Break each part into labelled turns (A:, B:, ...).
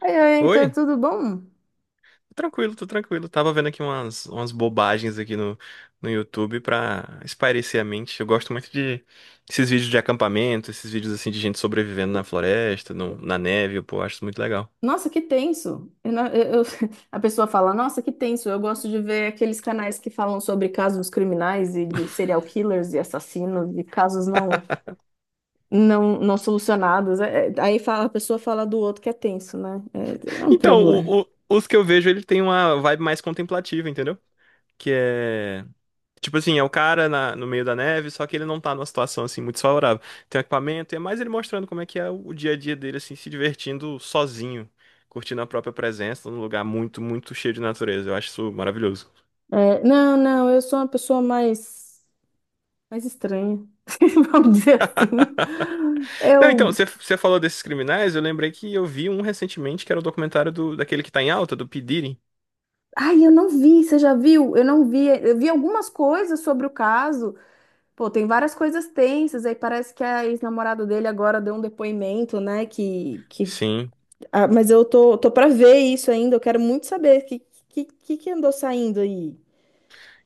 A: Oi, oi, Heitor,
B: Oi?
A: tudo bom?
B: Tô tranquilo, tô tranquilo. Tava vendo aqui umas bobagens aqui no YouTube pra espairecer a mente. Eu gosto muito de esses vídeos de acampamento, esses vídeos assim de gente sobrevivendo na floresta, na neve, pô, eu acho isso muito legal.
A: Nossa, que tenso. Eu não- eu- A pessoa fala, nossa, que tenso. Eu gosto de ver aqueles canais que falam sobre casos criminais e de serial killers e assassinos e casos não solucionados. Aí fala, a pessoa fala do outro que é tenso, né? É um
B: Então,
A: problema.
B: os que eu vejo, ele tem uma vibe mais contemplativa, entendeu? Que é tipo assim, é o cara no meio da neve, só que ele não tá numa situação assim muito favorável. Tem um equipamento, e é mais ele mostrando como é que é o dia a dia dele, assim, se divertindo sozinho, curtindo a própria presença num lugar muito cheio de natureza. Eu acho isso maravilhoso.
A: É, não, não, eu sou uma pessoa mais, estranha, vamos dizer assim.
B: Não, então,
A: Eu,
B: você falou desses criminais, eu lembrei que eu vi um recentemente que era o documentário daquele que tá em alta, do P. Diddy.
A: ai, eu não vi, você já viu? Eu não vi, eu vi algumas coisas sobre o caso. Pô, tem várias coisas tensas, aí parece que a ex-namorada dele agora deu um depoimento, né? Que.
B: Sim.
A: Ah, mas eu tô pra ver isso ainda, eu quero muito saber que andou saindo aí.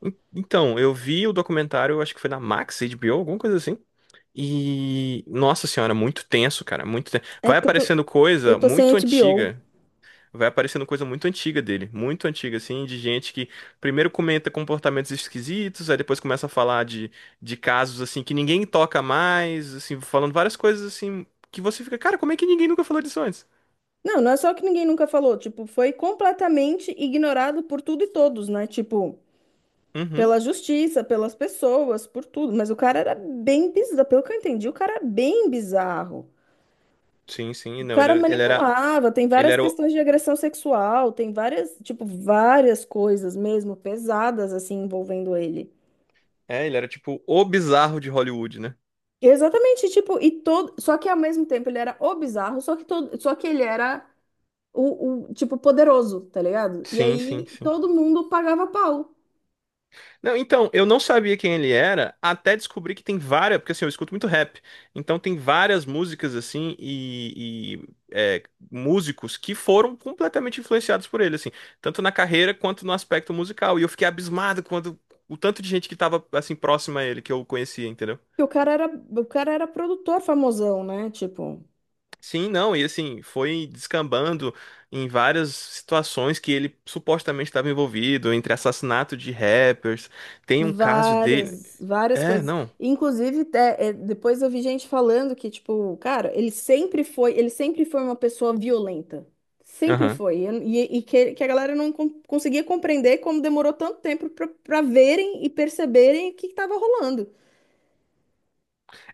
B: Então, eu vi o documentário, acho que foi na Max, HBO, alguma coisa assim. E, nossa senhora, muito tenso, cara, muito tenso.
A: É
B: Vai
A: porque eu tô,
B: aparecendo coisa
A: eu tô sem
B: muito
A: HBO.
B: antiga. Vai aparecendo coisa muito antiga dele, muito antiga, assim, de gente que primeiro comenta comportamentos esquisitos, aí depois começa a falar de casos, assim, que ninguém toca mais, assim, falando várias coisas, assim, que você fica, cara, como é que ninguém nunca falou disso antes?
A: Não, não é só que ninguém nunca falou, tipo, foi completamente ignorado por tudo e todos, né? Tipo,
B: Uhum,
A: pela justiça, pelas pessoas, por tudo. Mas o cara era bem bizarro, pelo que eu entendi, o cara era bem bizarro.
B: sim, sim,
A: O
B: não,
A: cara manipulava, tem
B: ele
A: várias
B: era, o-
A: questões de agressão sexual, tem várias, tipo, várias coisas mesmo pesadas assim envolvendo ele.
B: ele era tipo o bizarro de Hollywood, né?
A: Exatamente, tipo, e todo, só que ao mesmo tempo ele era o bizarro, só que todo, só que ele era o, tipo poderoso, tá ligado? E
B: Sim, sim,
A: aí
B: sim.
A: todo mundo pagava pau.
B: Não, então, eu não sabia quem ele era, até descobri que tem várias, porque assim, eu escuto muito rap, então tem várias músicas assim e músicos que foram completamente influenciados por ele, assim, tanto na carreira quanto no aspecto musical. E eu fiquei abismado quando o tanto de gente que tava assim próxima a ele que eu conhecia, entendeu?
A: Porque o cara era produtor famosão, né? Tipo,
B: Sim, não, e assim, foi descambando em várias situações que ele supostamente estava envolvido, entre assassinato de rappers, tem um caso dele.
A: várias, várias
B: É,
A: coisas.
B: não.
A: Inclusive, até, é, depois eu vi gente falando que, tipo, cara, ele sempre foi uma pessoa violenta. Sempre
B: Aham.
A: foi. E, que a galera não conseguia compreender como demorou tanto tempo pra verem e perceberem o que estava rolando.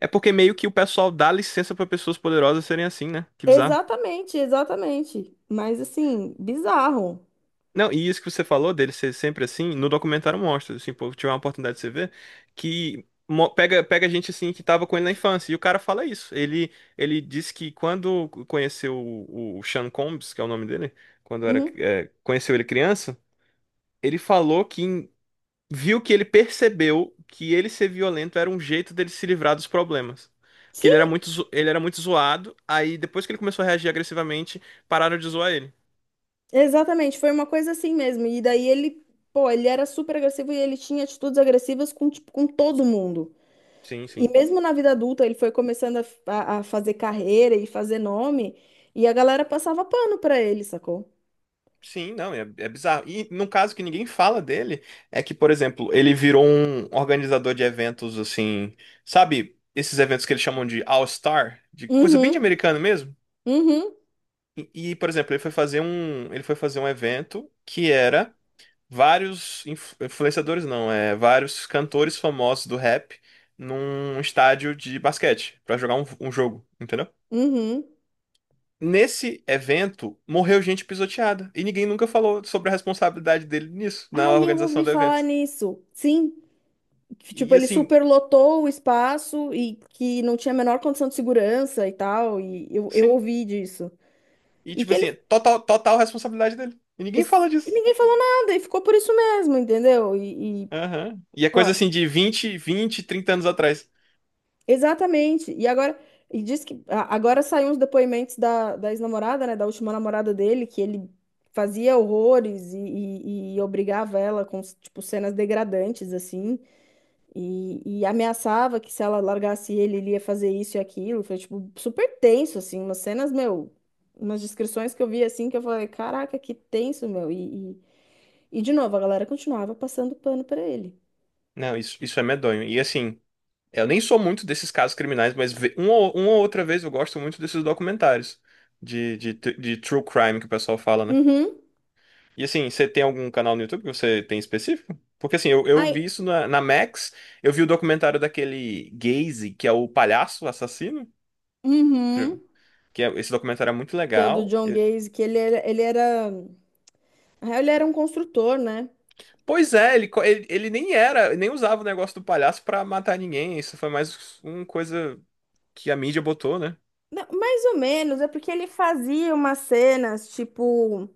B: É porque meio que o pessoal dá licença pra pessoas poderosas serem assim, né? Que bizarro.
A: Exatamente, exatamente. Mas assim, bizarro.
B: Não, e isso que você falou dele ser sempre assim, no documentário mostra, assim, pô, tiver uma oportunidade de você ver, que pega gente assim que tava com ele na infância, e o cara fala isso. Ele disse que quando conheceu o Sean Combs, que é o nome dele, quando
A: Uhum.
B: conheceu ele criança, ele falou que viu que ele percebeu que ele ser violento era um jeito dele se livrar dos problemas. Que ele
A: Sim,
B: era muito, ele era muito zoado, aí depois que ele começou a reagir agressivamente, pararam de zoar ele.
A: exatamente. Foi uma coisa assim mesmo. E daí ele, pô, ele era super agressivo e ele tinha atitudes agressivas com, tipo, com todo mundo.
B: Sim,
A: E
B: sim.
A: mesmo na vida adulta, ele foi começando a fazer carreira e fazer nome, e a galera passava pano pra ele, sacou?
B: Sim, não, é, é bizarro. E num caso que ninguém fala dele, é que, por exemplo, ele virou um organizador de eventos assim, sabe? Esses eventos que eles chamam de All-Star, de coisa bem de
A: Uhum,
B: americano mesmo.
A: uhum,
B: E, por exemplo, ele foi fazer um evento que era influenciadores, não, é vários cantores famosos do rap num estádio de basquete pra jogar um jogo, entendeu?
A: uhum.
B: Nesse evento, morreu gente pisoteada e ninguém nunca falou sobre a responsabilidade dele nisso, na
A: Aí eu
B: organização
A: ouvi
B: do
A: falar
B: evento.
A: nisso. Sim, que, tipo,
B: E
A: ele
B: assim,
A: superlotou o espaço e que não tinha a menor condição de segurança e tal, e eu
B: sim.
A: ouvi disso.
B: E
A: E
B: tipo
A: que
B: assim,
A: ele.
B: é total, total responsabilidade dele. E ninguém fala
A: E
B: disso.
A: ninguém falou nada, e ficou por isso mesmo, entendeu? E, e,
B: Aham. E é
A: pô.
B: coisa assim de vinte, vinte, 30 anos atrás.
A: Exatamente. E diz que agora saíram os depoimentos da ex-namorada, né? Da última namorada dele, que ele fazia horrores e obrigava ela com, tipo, cenas degradantes, assim, e ameaçava que se ela largasse ele, ele ia fazer isso e aquilo. Foi, tipo, super tenso, assim, umas cenas, meu, umas descrições que eu vi, assim, que eu falei, caraca, que tenso, meu. E de novo, a galera continuava passando pano pra ele.
B: Não, isso é medonho. E assim. Eu nem sou muito desses casos criminais, mas uma ou outra vez eu gosto muito desses documentários de true crime que o pessoal fala, né?
A: Uhum.
B: E assim, você tem algum canal no YouTube que você tem específico? Porque assim, eu
A: Aí,
B: vi isso na Max, eu vi o documentário daquele Gacy, que é o palhaço assassino,
A: uhum.
B: esse documentário é muito
A: Que é o do
B: legal.
A: John
B: E-
A: Gaze, que na real, ele era um construtor, né?
B: Pois é, ele nem era, nem usava o negócio do palhaço pra matar ninguém, isso foi mais uma coisa que a mídia botou, né?
A: Não, mais ou menos, é porque ele fazia umas cenas, tipo,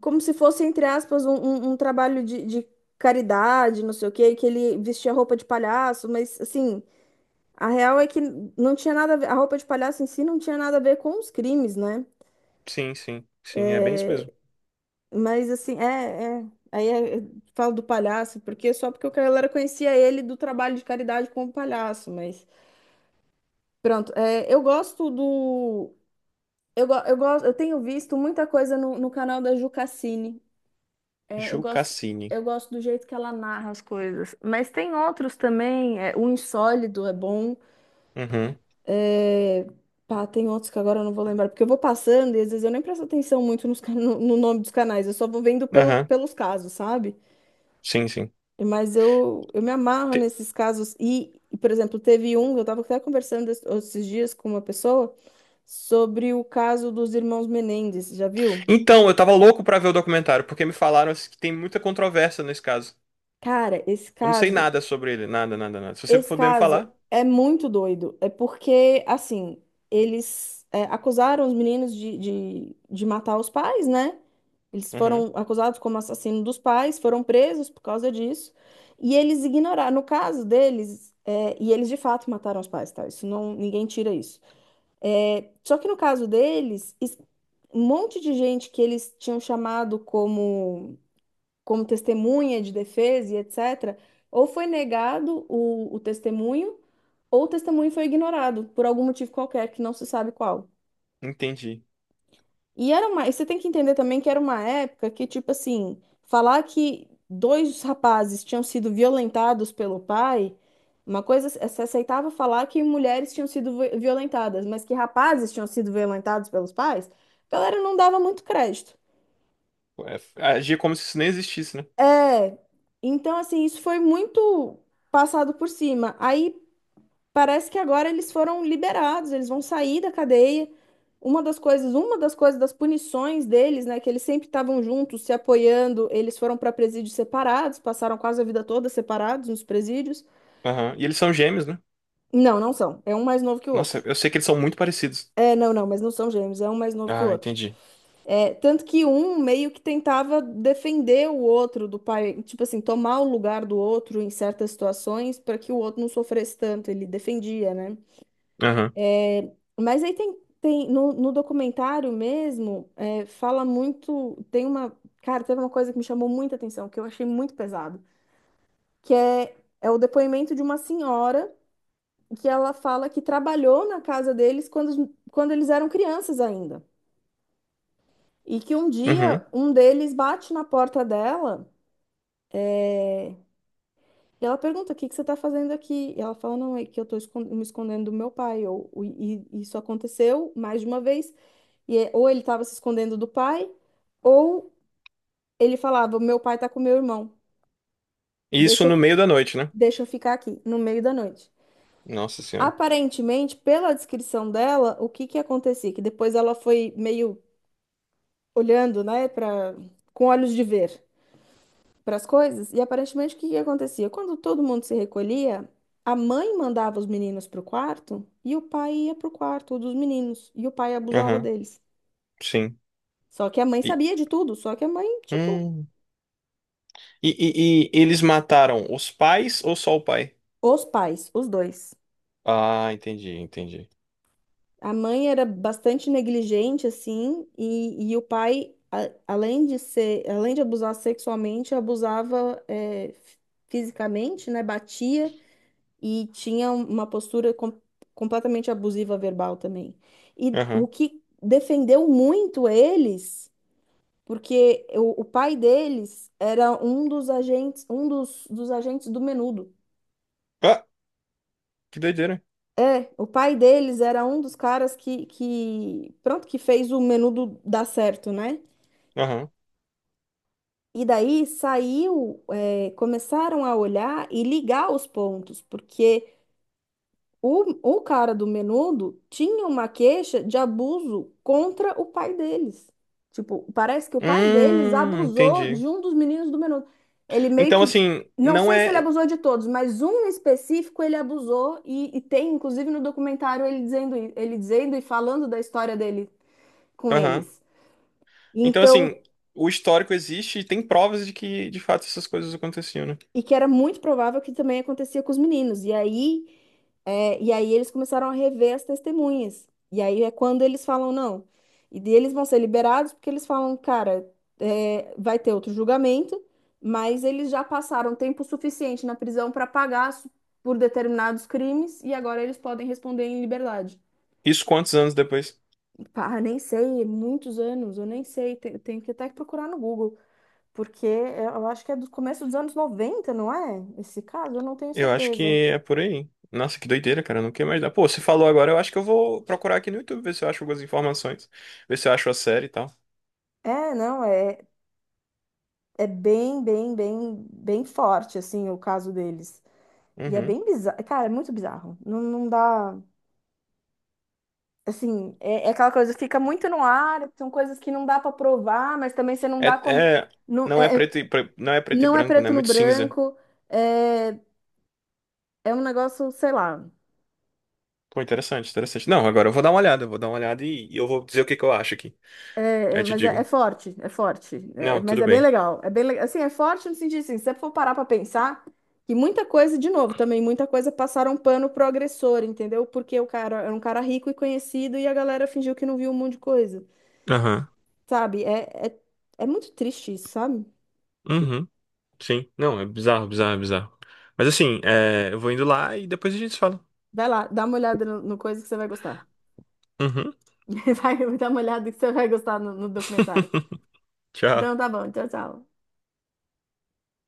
A: como se fosse, entre aspas, um trabalho de caridade, não sei o quê, que ele vestia roupa de palhaço, mas, assim, a real é que não tinha nada a ver, a roupa de palhaço em si não tinha nada a ver com os crimes, né?
B: Sim, sim, sim, é bem isso mesmo.
A: Mas, assim, aí eu falo do palhaço, porque só porque o cara conhecia ele do trabalho de caridade como palhaço, mas. Pronto, eu gosto do. Eu, go- eu, gosto, eu tenho visto muita coisa no, no canal da Ju Cassini. É, eu
B: Ju
A: gosto,
B: Cassini.
A: eu gosto do jeito que ela narra as coisas. Mas tem outros também. O Insólido é bom.
B: Uhum.
A: é, pá, tem outros que agora eu não vou lembrar, porque eu vou passando e às vezes eu nem presto atenção muito nos, no nome dos canais. Eu só vou vendo pelo,
B: Aham.
A: pelos casos, sabe?
B: Sim, sim.
A: Mas eu me amarro
B: Te-
A: nesses casos. Por exemplo, teve um, eu estava até conversando esses dias com uma pessoa sobre o caso dos irmãos Menendez, já viu?
B: Então, eu tava louco pra ver o documentário, porque me falaram assim, que tem muita controvérsia nesse caso.
A: Cara, esse
B: Eu não sei
A: caso,
B: nada sobre ele, nada, nada, nada. Se você
A: esse
B: puder me
A: caso
B: falar.
A: é muito doido. É porque, assim, eles acusaram os meninos de matar os pais, né? Eles
B: Uhum.
A: foram acusados como assassino dos pais, foram presos por causa disso. E eles ignoraram, no caso deles, e eles de fato mataram os pais, tá? Isso não, ninguém tira isso. É, só que no caso deles, um monte de gente que eles tinham chamado como testemunha de defesa e etc., ou foi negado o testemunho, ou o testemunho foi ignorado por algum motivo qualquer que não se sabe qual.
B: Entendi.
A: E você tem que entender também que era uma época que, tipo assim, falar que dois rapazes tinham sido violentados pelo pai, uma coisa, se se aceitava falar que mulheres tinham sido violentadas, mas que rapazes tinham sido violentados pelos pais, a galera não dava muito crédito.
B: É, agia como se isso nem existisse, né?
A: É, então, assim, isso foi muito passado por cima. Aí parece que agora eles foram liberados, eles vão sair da cadeia. Uma das coisas das punições deles, né, que eles sempre estavam juntos, se apoiando, eles foram para presídios separados, passaram quase a vida toda separados nos presídios.
B: Aham. E eles são gêmeos, né?
A: Não, não são. É um mais novo que o
B: Nossa,
A: outro.
B: eu sei que eles são muito parecidos.
A: É, não, não, mas não são gêmeos, é um mais novo que o
B: Ah,
A: outro.
B: entendi.
A: É, tanto que um meio que tentava defender o outro do pai, tipo assim, tomar o lugar do outro em certas situações para que o outro não sofresse tanto, ele defendia, né?
B: Aham.
A: Mas aí tem no, documentário mesmo, fala muito, cara, teve uma coisa que me chamou muita atenção, que eu achei muito pesado, que é o depoimento de uma senhora que ela fala que trabalhou na casa deles quando, quando eles eram crianças ainda. E que um dia
B: Uhum.
A: um deles bate na porta dela e ela pergunta: O que que você está fazendo aqui? E ela fala: Não, é que eu estou me escondendo do meu pai. Ou, e isso aconteceu mais de uma vez. Ou ele estava se escondendo do pai. Ou ele falava: Meu pai tá com meu irmão,
B: E
A: deixa
B: isso
A: eu,
B: no meio da noite, né?
A: deixa eu ficar aqui, no meio da noite.
B: Nossa Senhora.
A: Aparentemente, pela descrição dela, o que que acontecia? Que depois ela foi meio olhando, né, para com olhos de ver para as coisas, e aparentemente o que que acontecia? Quando todo mundo se recolhia, a mãe mandava os meninos pro quarto e o pai ia pro quarto dos meninos, e o pai abusava
B: Aham.
A: deles.
B: Sim.
A: Só que a mãe
B: E,
A: sabia de tudo, só que a mãe, tipo,
B: hum. E, e eles mataram os pais ou só o pai?
A: os pais, os dois.
B: Ah, entendi, entendi.
A: A mãe era bastante negligente, assim, e o pai, além de ser, além de abusar sexualmente, abusava fisicamente, né? Batia e tinha uma postura completamente abusiva verbal também. E o
B: Aham.
A: que defendeu muito eles, porque o pai deles era um dos agentes, um dos agentes do Menudo.
B: Ah, que doideira.
A: É, o pai deles era um dos caras que pronto, que fez o menudo dar certo, né?
B: Aham.
A: E daí saiu, começaram a olhar e ligar os pontos, porque O, o cara do Menudo tinha uma queixa de abuso contra o pai deles. Tipo, parece que o pai deles abusou
B: Entendi.
A: de um dos meninos do Menudo. Ele meio
B: Então,
A: que.
B: assim,
A: Não
B: não
A: sei se ele
B: é.
A: abusou de todos, mas um específico ele abusou e tem, inclusive, no documentário ele dizendo, ele dizendo e falando da história dele com
B: Aham.
A: eles.
B: Então,
A: Então,
B: assim, o histórico existe e tem provas de que, de fato, essas coisas aconteciam, né?
A: E que era muito provável que também acontecia com os meninos. E aí eles começaram a rever as testemunhas. E aí é quando eles falam não. E daí eles vão ser liberados porque eles falam, cara, vai ter outro julgamento, mas eles já passaram tempo suficiente na prisão para pagar por determinados crimes e agora eles podem responder em liberdade.
B: Isso quantos anos depois?
A: Pá, nem sei, muitos anos, eu nem sei, tenho que até procurar no Google. Porque eu acho que é do começo dos anos 90, não é? Esse caso, eu não tenho
B: Eu acho que
A: certeza.
B: é por aí. Nossa, que doideira, cara. Eu não quero mais dar. Pô, você falou agora, eu acho que eu vou procurar aqui no YouTube, ver se eu acho algumas informações, ver se eu acho a série e tal.
A: Não, é bem, bem, bem, bem forte, assim, o caso deles. E é
B: Uhum.
A: bem bizarro. Cara, é muito bizarro. Não, não dá. Assim, é, aquela coisa, fica muito no ar, são coisas que não dá pra provar, mas também você não
B: É,
A: dá como.
B: é,
A: Não
B: não é
A: é,
B: preto e, pre- não é preto e
A: não é
B: branco, né?
A: preto
B: É
A: no
B: muito cinza.
A: branco, é, é um negócio, sei lá.
B: Pô, interessante, interessante. Não, agora eu vou dar uma olhada, eu vou dar uma olhada e eu vou dizer o que que eu acho aqui.
A: É, é,
B: Aí te
A: mas é
B: digo.
A: forte, é forte. É,
B: Não,
A: mas
B: tudo
A: é bem
B: bem.
A: legal. É bem, assim, é forte no sentido assim, se você for parar para pensar, que muita coisa, de novo, também muita coisa passaram pano pro agressor, entendeu? Porque o cara era um cara rico e conhecido e a galera fingiu que não viu um monte de coisa,
B: Aham.
A: sabe? É muito triste isso, sabe?
B: Uhum. Sim. Não, é bizarro, bizarro, bizarro. Mas assim, é, eu vou indo lá e depois a gente se fala.
A: Vai lá, dá uma olhada no, no, coisa que você vai gostar.
B: Uhum.
A: Vai, dá uma olhada que você vai gostar no, documentário.
B: Tchau.
A: Então tá bom, tchau, tchau.